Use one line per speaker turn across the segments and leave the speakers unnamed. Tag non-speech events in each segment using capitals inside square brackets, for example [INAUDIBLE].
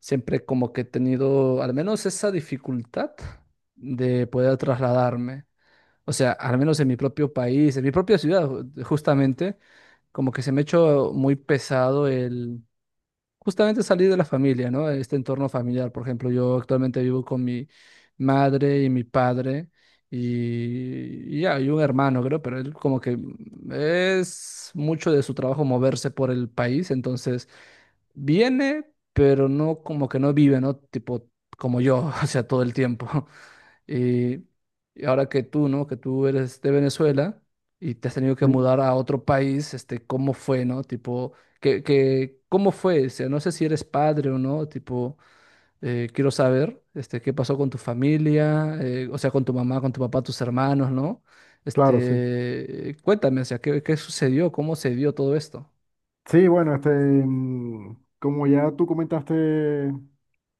Siempre como que he tenido al menos esa dificultad de poder trasladarme. O sea, al menos en mi propio país, en mi propia ciudad, justamente, como que se me ha hecho muy pesado el justamente salir de la familia, ¿no? Este entorno familiar. Por ejemplo, yo actualmente vivo con mi madre y mi padre y ya, y un hermano, creo, pero él como que es mucho de su trabajo moverse por el país, entonces viene, pero no como que no vive, ¿no? Tipo como yo, [LAUGHS] o sea, todo el tiempo. [LAUGHS] Y, y ahora que tú, ¿no? Que tú eres de Venezuela y te has tenido que
Sí,
mudar a otro país, ¿cómo fue? ¿No? Tipo, ¿cómo fue? O sea, no sé si eres padre o no, tipo, quiero saber, qué pasó con tu familia, o sea, con tu mamá, con tu papá, tus hermanos, ¿no?
claro, sí.
Este, cuéntame, o sea, ¿ qué sucedió? ¿Cómo se dio todo esto?
Sí, bueno, este, como ya tú comentaste,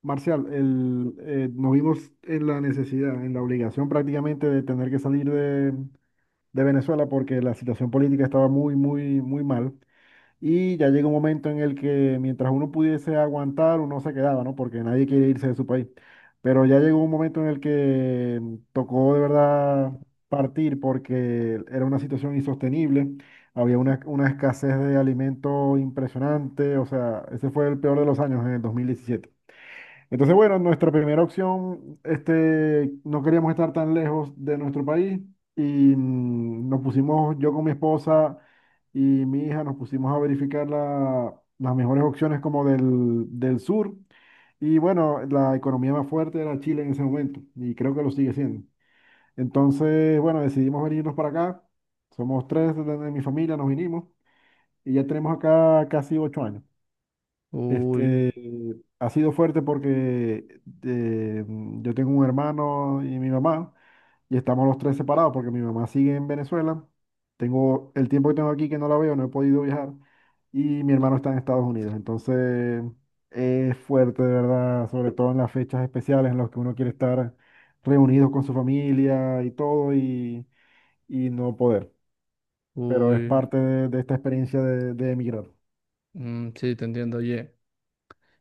Marcial, nos vimos en la necesidad, en la obligación prácticamente de tener que salir de Venezuela porque la situación política estaba muy, muy, muy mal. Y ya llega un momento en el que mientras uno pudiese aguantar, uno se quedaba, ¿no? Porque nadie quiere irse de su país. Pero ya llegó un momento en el que tocó de verdad partir porque era una situación insostenible. Había una escasez de alimento impresionante. O sea, ese fue el peor de los años en el 2017. Entonces, bueno, nuestra primera opción, este, no queríamos estar tan lejos de nuestro país y nos pusimos, yo con mi esposa y mi hija, nos pusimos a verificar las mejores opciones como del sur. Y bueno, la economía más fuerte era Chile en ese momento y creo que lo sigue siendo. Entonces, bueno, decidimos venirnos para acá. Somos tres de mi familia, nos vinimos y ya tenemos acá casi 8 años.
Uy,
Este, ha sido fuerte porque yo tengo un hermano y mi mamá, y estamos los tres separados porque mi mamá sigue en Venezuela. Tengo el tiempo que tengo aquí que no la veo, no he podido viajar, y mi hermano está en Estados Unidos. Entonces, es fuerte, de verdad, sobre todo en las fechas especiales en las que uno quiere estar reunido con su familia y todo, y no poder. Pero es
uy.
parte de esta experiencia de emigrar.
Mm, sí, te entiendo, oye.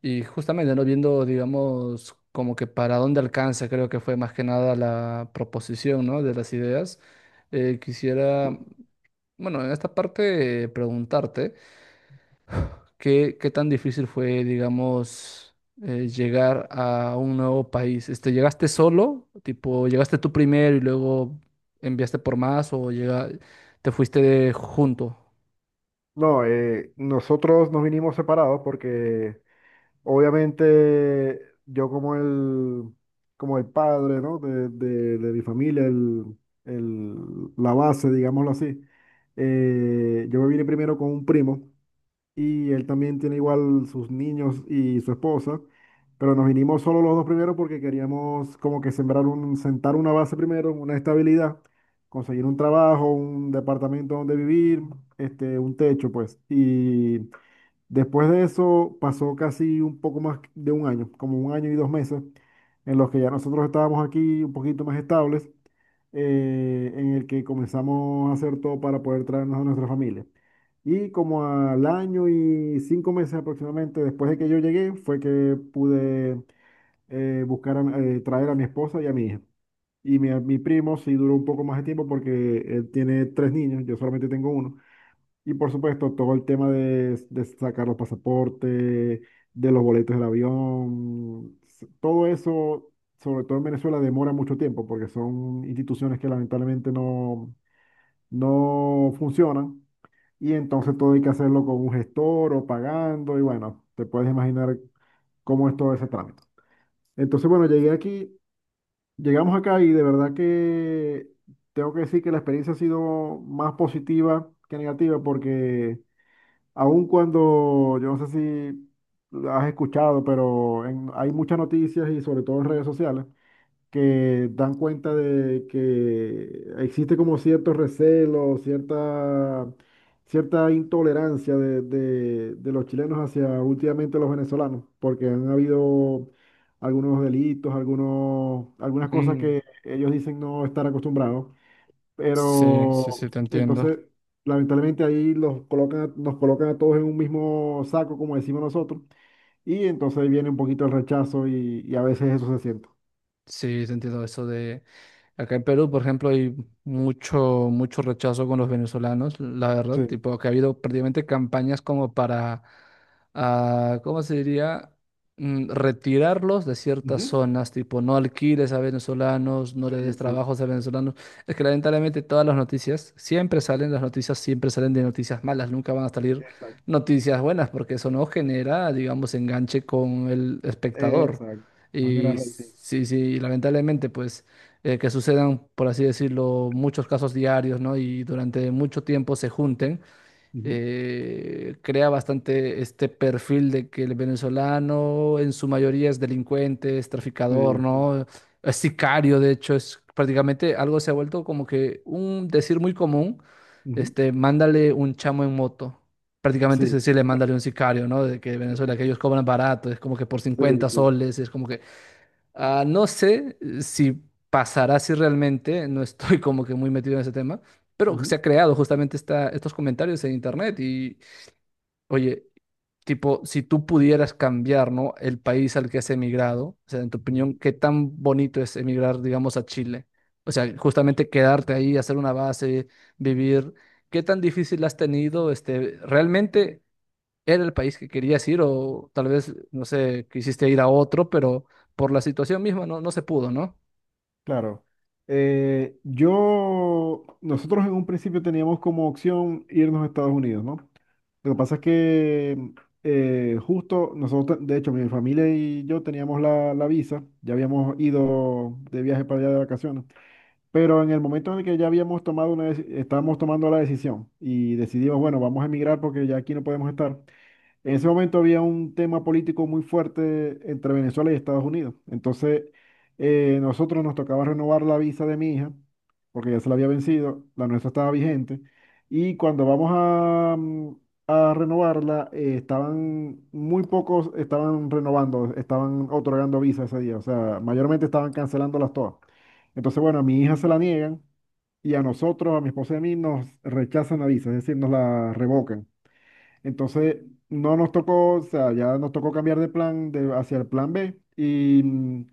Y justamente, ¿no? Viendo, digamos, como que para dónde alcanza, creo que fue más que nada la proposición, ¿no? De las ideas. Eh, quisiera, bueno, en esta parte preguntarte, ¿ qué tan difícil fue, digamos, llegar a un nuevo país? Este, ¿llegaste solo? Tipo, ¿llegaste tú primero y luego enviaste por más o te fuiste junto?
No, nosotros nos vinimos separados porque obviamente yo como el padre, ¿no? de mi familia, el- la base, digámoslo así, yo me vine primero con un primo y él también tiene igual sus niños y su esposa, pero nos vinimos solo los dos primero porque queríamos como que sembrar un, sentar una base primero, una estabilidad, conseguir un trabajo, un departamento donde vivir, este, un techo, pues. Y después de eso pasó casi un poco más de un año, como un año y 2 meses, en los que ya nosotros estábamos aquí un poquito más estables, en el que comenzamos a hacer todo para poder traernos a nuestra familia. Y como al año y 5 meses aproximadamente después de que yo llegué, fue que pude buscar, traer a mi esposa y a mi hija. Y mi primo sí duró un poco más de tiempo porque él tiene tres niños, yo solamente tengo uno. Y por supuesto, todo el tema de sacar los pasaportes, de los boletos del avión, todo eso, sobre todo en Venezuela, demora mucho tiempo porque son instituciones que lamentablemente no, no funcionan. Y entonces todo hay que hacerlo con un gestor o pagando. Y bueno, te puedes imaginar cómo es todo ese trámite. Entonces, bueno, llegué aquí, llegamos acá y de verdad que tengo que decir que la experiencia ha sido más positiva que negativa porque... Aun cuando, yo no sé si lo has escuchado, pero hay muchas noticias y sobre todo en redes sociales que dan cuenta de que existe como cierto recelo, cierta, intolerancia de los chilenos hacia últimamente los venezolanos, porque han habido algunos delitos, algunos, algunas cosas
Mm,
que ellos dicen no estar acostumbrados.
sí, sí, sí,
Pero
te entiendo.
entonces, lamentablemente ahí los colocan, nos colocan a todos en un mismo saco, como decimos nosotros, y entonces ahí viene un poquito el rechazo y a veces eso se siente.
Sí, te entiendo eso de acá en Perú, por ejemplo, hay mucho, mucho rechazo con los venezolanos, la verdad,
Sí.
tipo que ha habido prácticamente campañas como para, ah, ¿cómo se diría? Mm, retirarlos de ciertas
Ujú.
zonas, tipo no alquiles a venezolanos, no
Sí,
le des
sí,
trabajos a venezolanos. Es que lamentablemente todas las noticias siempre salen, las noticias siempre salen de noticias malas, nunca van a salir
exacto.
noticias buenas porque eso no genera, digamos, enganche con el espectador.
Exacto. Más de la
Y
raíz.
sí, sí, lamentablemente, pues, que sucedan, por así decirlo, muchos casos diarios, ¿no? Y durante mucho tiempo se junten,
Ujú.
crea bastante este perfil de que el venezolano en su mayoría es delincuente, es
Sí,
traficador,
sí.
¿no? Es sicario, de hecho, es prácticamente algo se ha vuelto como que un decir muy común,
Ujú.
este, mándale un chamo en moto. Prácticamente es
Sí,
decirle, mándale un sicario, ¿no? De que Venezuela, que ellos cobran barato, es como que por
sí,
cincuenta
sí.
soles, es como que ah, no sé si pasará si realmente, no estoy como que muy metido en ese tema, pero se
Ujú,
ha creado justamente estos comentarios en internet y, oye, tipo, si tú pudieras cambiar, ¿no? El país al que has emigrado, o sea, en tu opinión,
ujú.
¿qué tan bonito es emigrar, digamos, a Chile? O sea, justamente quedarte ahí, hacer una base, vivir, ¿qué tan difícil has tenido? Este, realmente era el país que querías ir o tal vez, no sé, quisiste ir a otro, pero por la situación misma no, no se pudo, ¿no?
Claro. Yo, nosotros en un principio teníamos como opción irnos a Estados Unidos, ¿no? Lo que pasa es que justo nosotros, de hecho, mi familia y yo teníamos la visa, ya habíamos ido de viaje para allá de vacaciones, pero en el momento en el que ya habíamos tomado estábamos tomando la decisión y decidimos, bueno, vamos a emigrar porque ya aquí no podemos estar, en ese momento había un tema político muy fuerte entre Venezuela y Estados Unidos. Entonces, nosotros nos tocaba renovar la visa de mi hija, porque ya se la había vencido, la nuestra estaba vigente. Y cuando vamos a renovarla, estaban muy pocos, estaban renovando, estaban otorgando visa ese día. O sea, mayormente estaban cancelándolas todas. Entonces, bueno, a mi hija se la niegan y a nosotros, a mi esposa y a mí, nos rechazan la visa, es decir, nos la revocan. Entonces, no nos tocó, o sea, ya nos tocó cambiar de plan de, hacia el plan B. Y,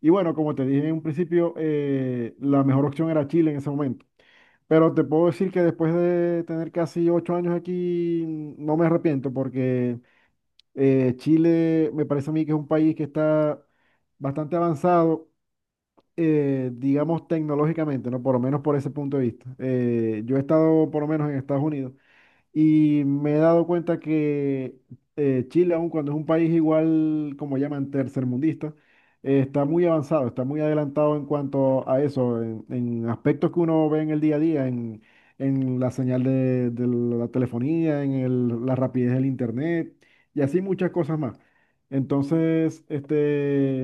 y bueno, como te dije en un principio, la mejor opción era Chile en ese momento. Pero te puedo decir que después de tener casi 8 años aquí, no me arrepiento porque Chile me parece a mí que es un país que está bastante avanzado, digamos, tecnológicamente, ¿no? Por lo menos por ese punto de vista. Yo he estado por lo menos en Estados Unidos. Y me he dado cuenta que Chile, aun cuando es un país igual, como llaman, tercermundista, está muy avanzado, está muy adelantado en cuanto a eso, en, aspectos que uno ve en el día a día, en la señal de la telefonía, la rapidez del internet y así muchas cosas más. Entonces, este,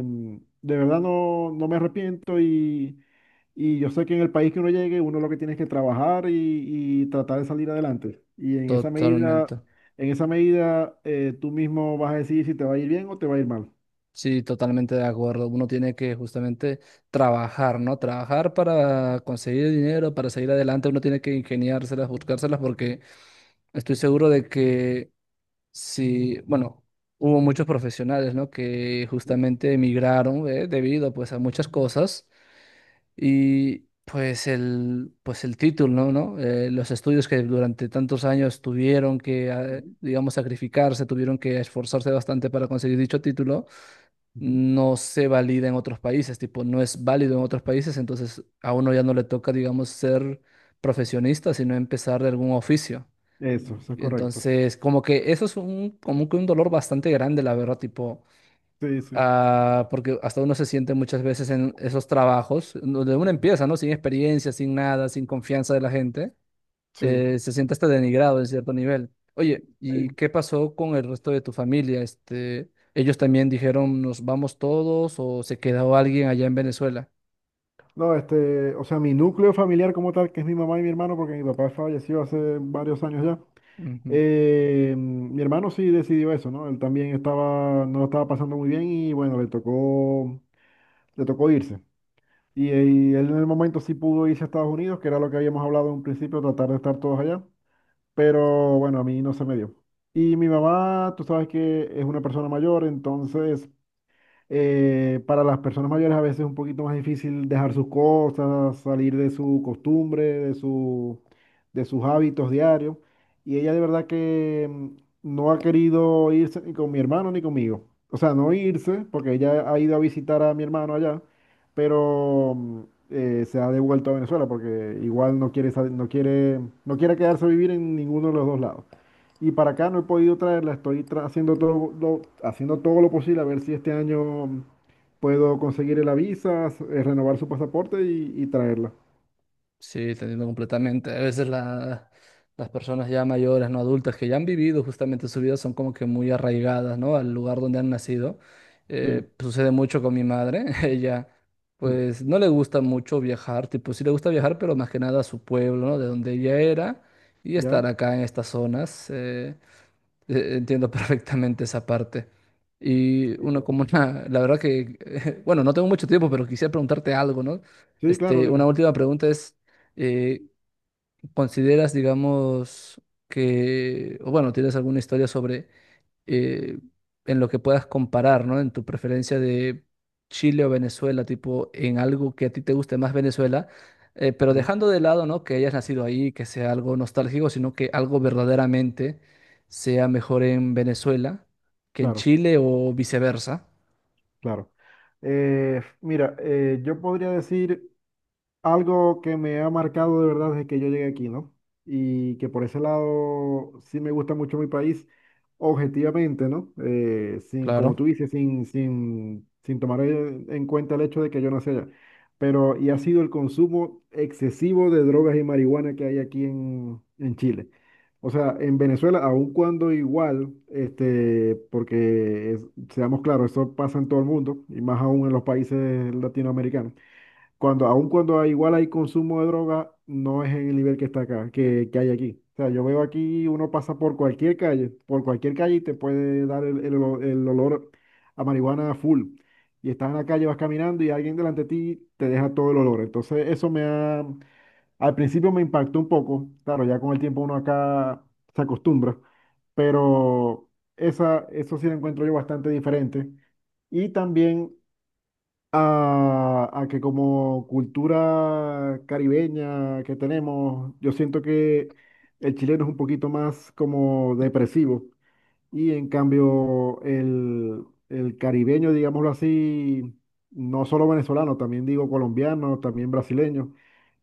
de verdad no, no me arrepiento y yo sé que en el país que uno llegue, uno lo que tiene es que trabajar y tratar de salir adelante. Y
Totalmente.
en esa medida, tú mismo vas a decidir si te va a ir bien o te va a ir mal.
Sí, totalmente de acuerdo. Uno tiene que justamente trabajar, ¿no? Trabajar para conseguir dinero, para seguir adelante. Uno tiene que ingeniárselas, buscárselas, porque estoy seguro de que si, bueno, hubo muchos profesionales, ¿no? Que
Ujú,
justamente emigraron, ¿eh? Debido, pues, a muchas cosas. Y pues el título, ¿no? ¿No? Los estudios que durante tantos años tuvieron que,
ujú,
digamos, sacrificarse, tuvieron que esforzarse bastante para conseguir dicho título,
ujú.
no se valida en otros países, tipo, no es válido en otros países, entonces a uno ya no le toca, digamos, ser profesionista, sino empezar de algún oficio.
Eso es correcto.
Entonces, como que eso es un, como que un dolor bastante grande, la verdad, tipo...
Sí, sí.
Ah, porque hasta uno se siente muchas veces en esos trabajos, donde uno
Ujú.
empieza, ¿no? Sin experiencia, sin nada, sin confianza de la gente,
Sí.
se siente hasta denigrado en cierto nivel. Oye,
Sí.
¿y qué pasó con el resto de tu familia? Este, ellos también dijeron, nos vamos todos o se quedó alguien allá en Venezuela.
No, este, o sea, mi núcleo familiar como tal, que es mi mamá y mi hermano, porque mi papá falleció hace varios años ya.
Ujú.
Mi hermano sí decidió eso, ¿no? Él también estaba, no lo estaba pasando muy bien y bueno, le tocó irse. Y él en el momento sí pudo irse a Estados Unidos, que era lo que habíamos hablado en un principio, tratar de estar todos allá. Pero bueno, a mí no se me dio. Y mi mamá, tú sabes que es una persona mayor, entonces para las personas mayores a veces es un poquito más difícil dejar sus cosas, salir de su costumbre, de sus hábitos diarios. Y ella de verdad que no ha querido irse ni con mi hermano ni conmigo. O sea, no irse, porque ella ha ido a visitar a mi hermano allá, pero se ha devuelto a Venezuela porque igual no quiere, no quiere, no quiere quedarse a vivir en ninguno de los dos lados. Y para acá no he podido traerla, estoy haciendo todo lo posible a ver si este año puedo conseguir la visa, renovar su pasaporte y traerla.
Sí, te entiendo completamente. Las personas ya mayores, no adultas, que ya han vivido justamente su vida, son como que muy arraigadas, ¿no? Al lugar donde han nacido.
Sí.
Sucede mucho con mi madre. [LAUGHS] Ella,
Mm.
pues, no le gusta mucho viajar. Tipo, sí le gusta viajar, pero más que nada a su pueblo, ¿no? De donde ella era y
¿Ya?
estar acá en estas zonas. Entiendo perfectamente esa parte. Y
Sí,
uno
claro.
como una, la verdad que, [LAUGHS] bueno, no tengo mucho tiempo, pero quisiera preguntarte algo, ¿no?
Sí, claro,
Este, una
dime.
última pregunta es, eh, ¿consideras, digamos, que, o bueno, tienes alguna historia sobre eh, en lo que puedas comparar, ¿no? En tu preferencia de Chile o Venezuela, tipo, en algo que a ti te guste más Venezuela, pero
Ya,
dejando de lado, ¿no? Que hayas nacido ahí, que sea algo nostálgico, sino que algo verdaderamente sea mejor en Venezuela que en
claro,
Chile o viceversa.
claro. Mira, yo podría decir algo que me ha marcado de verdad desde que yo llegué aquí, ¿no? Y que por ese lado sí me gusta mucho mi país, objetivamente, ¿no? Sin,
Claro,
como tú dices, sin, sin, sin tomar en cuenta el hecho de que yo nací allá. Pero, y ha sido el consumo excesivo de drogas y marihuana que hay aquí en Chile. O sea, en Venezuela, aun cuando igual, este, porque seamos claros, eso pasa en todo el mundo, y más aún en los países latinoamericanos cuando, aun cuando igual hay consumo de droga, no es en el nivel que está acá, que hay aquí. O sea, yo veo aquí, uno pasa por cualquier calle y te puede dar el olor, el olor a marihuana full. Y estás en la calle, vas caminando y alguien delante de ti te deja todo el olor. Entonces, eso me ha, al principio me impactó un poco. Claro, ya con el tiempo uno acá se acostumbra, pero esa, eso sí lo encuentro yo bastante diferente. Y también a, que como cultura caribeña que tenemos, yo siento que el chileno es un poquito más como depresivo. Y en cambio, el caribeño, digámoslo así, no solo venezolano, también digo colombiano, también brasileño,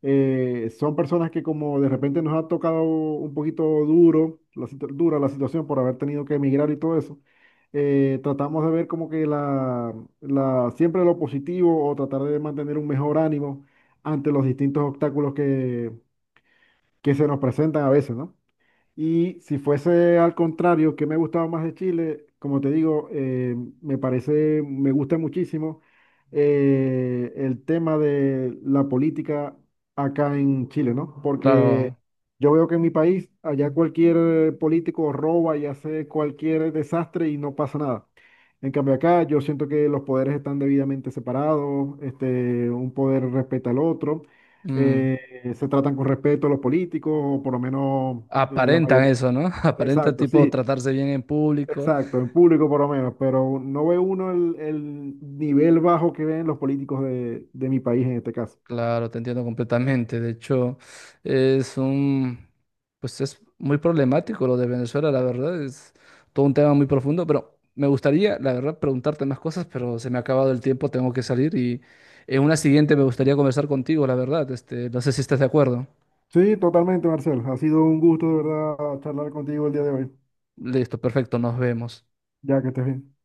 son personas que como de repente nos ha tocado un poquito duro, dura la situación por haber tenido que emigrar y todo eso, tratamos de ver como que siempre lo positivo o tratar de mantener un mejor ánimo ante los distintos obstáculos que se nos presentan a veces, ¿no? ¿Y si fuese al contrario, que me gustaba más de Chile? Como te digo, me parece, me gusta muchísimo el tema de la política acá en Chile, ¿no? Porque
claro.
yo veo que en mi país, allá cualquier político roba y hace cualquier desastre y no pasa nada. En cambio acá yo siento que los poderes están debidamente separados, este, un poder respeta al otro.
Mm,
eh, se tratan con respeto a los políticos, o por lo menos la
aparentan
mayoría.
eso, ¿no? [LAUGHS] Aparentan
Exacto,
tipo
sí,
tratarse bien en público.
exacto, en público por lo menos, pero no ve uno el nivel bajo que ven los políticos de, mi país en este caso.
Claro, te entiendo completamente. De hecho, es un, pues es muy problemático lo de Venezuela, la verdad, es todo un tema muy profundo, pero me gustaría, la verdad, preguntarte más cosas, pero se me ha acabado el tiempo, tengo que salir y en una siguiente me gustaría conversar contigo, la verdad, este, no sé si estás de acuerdo.
Sí, totalmente, Marcel. Ha sido un gusto de verdad charlar contigo el día de hoy,
Listo, perfecto, nos vemos.
ya que estés bien.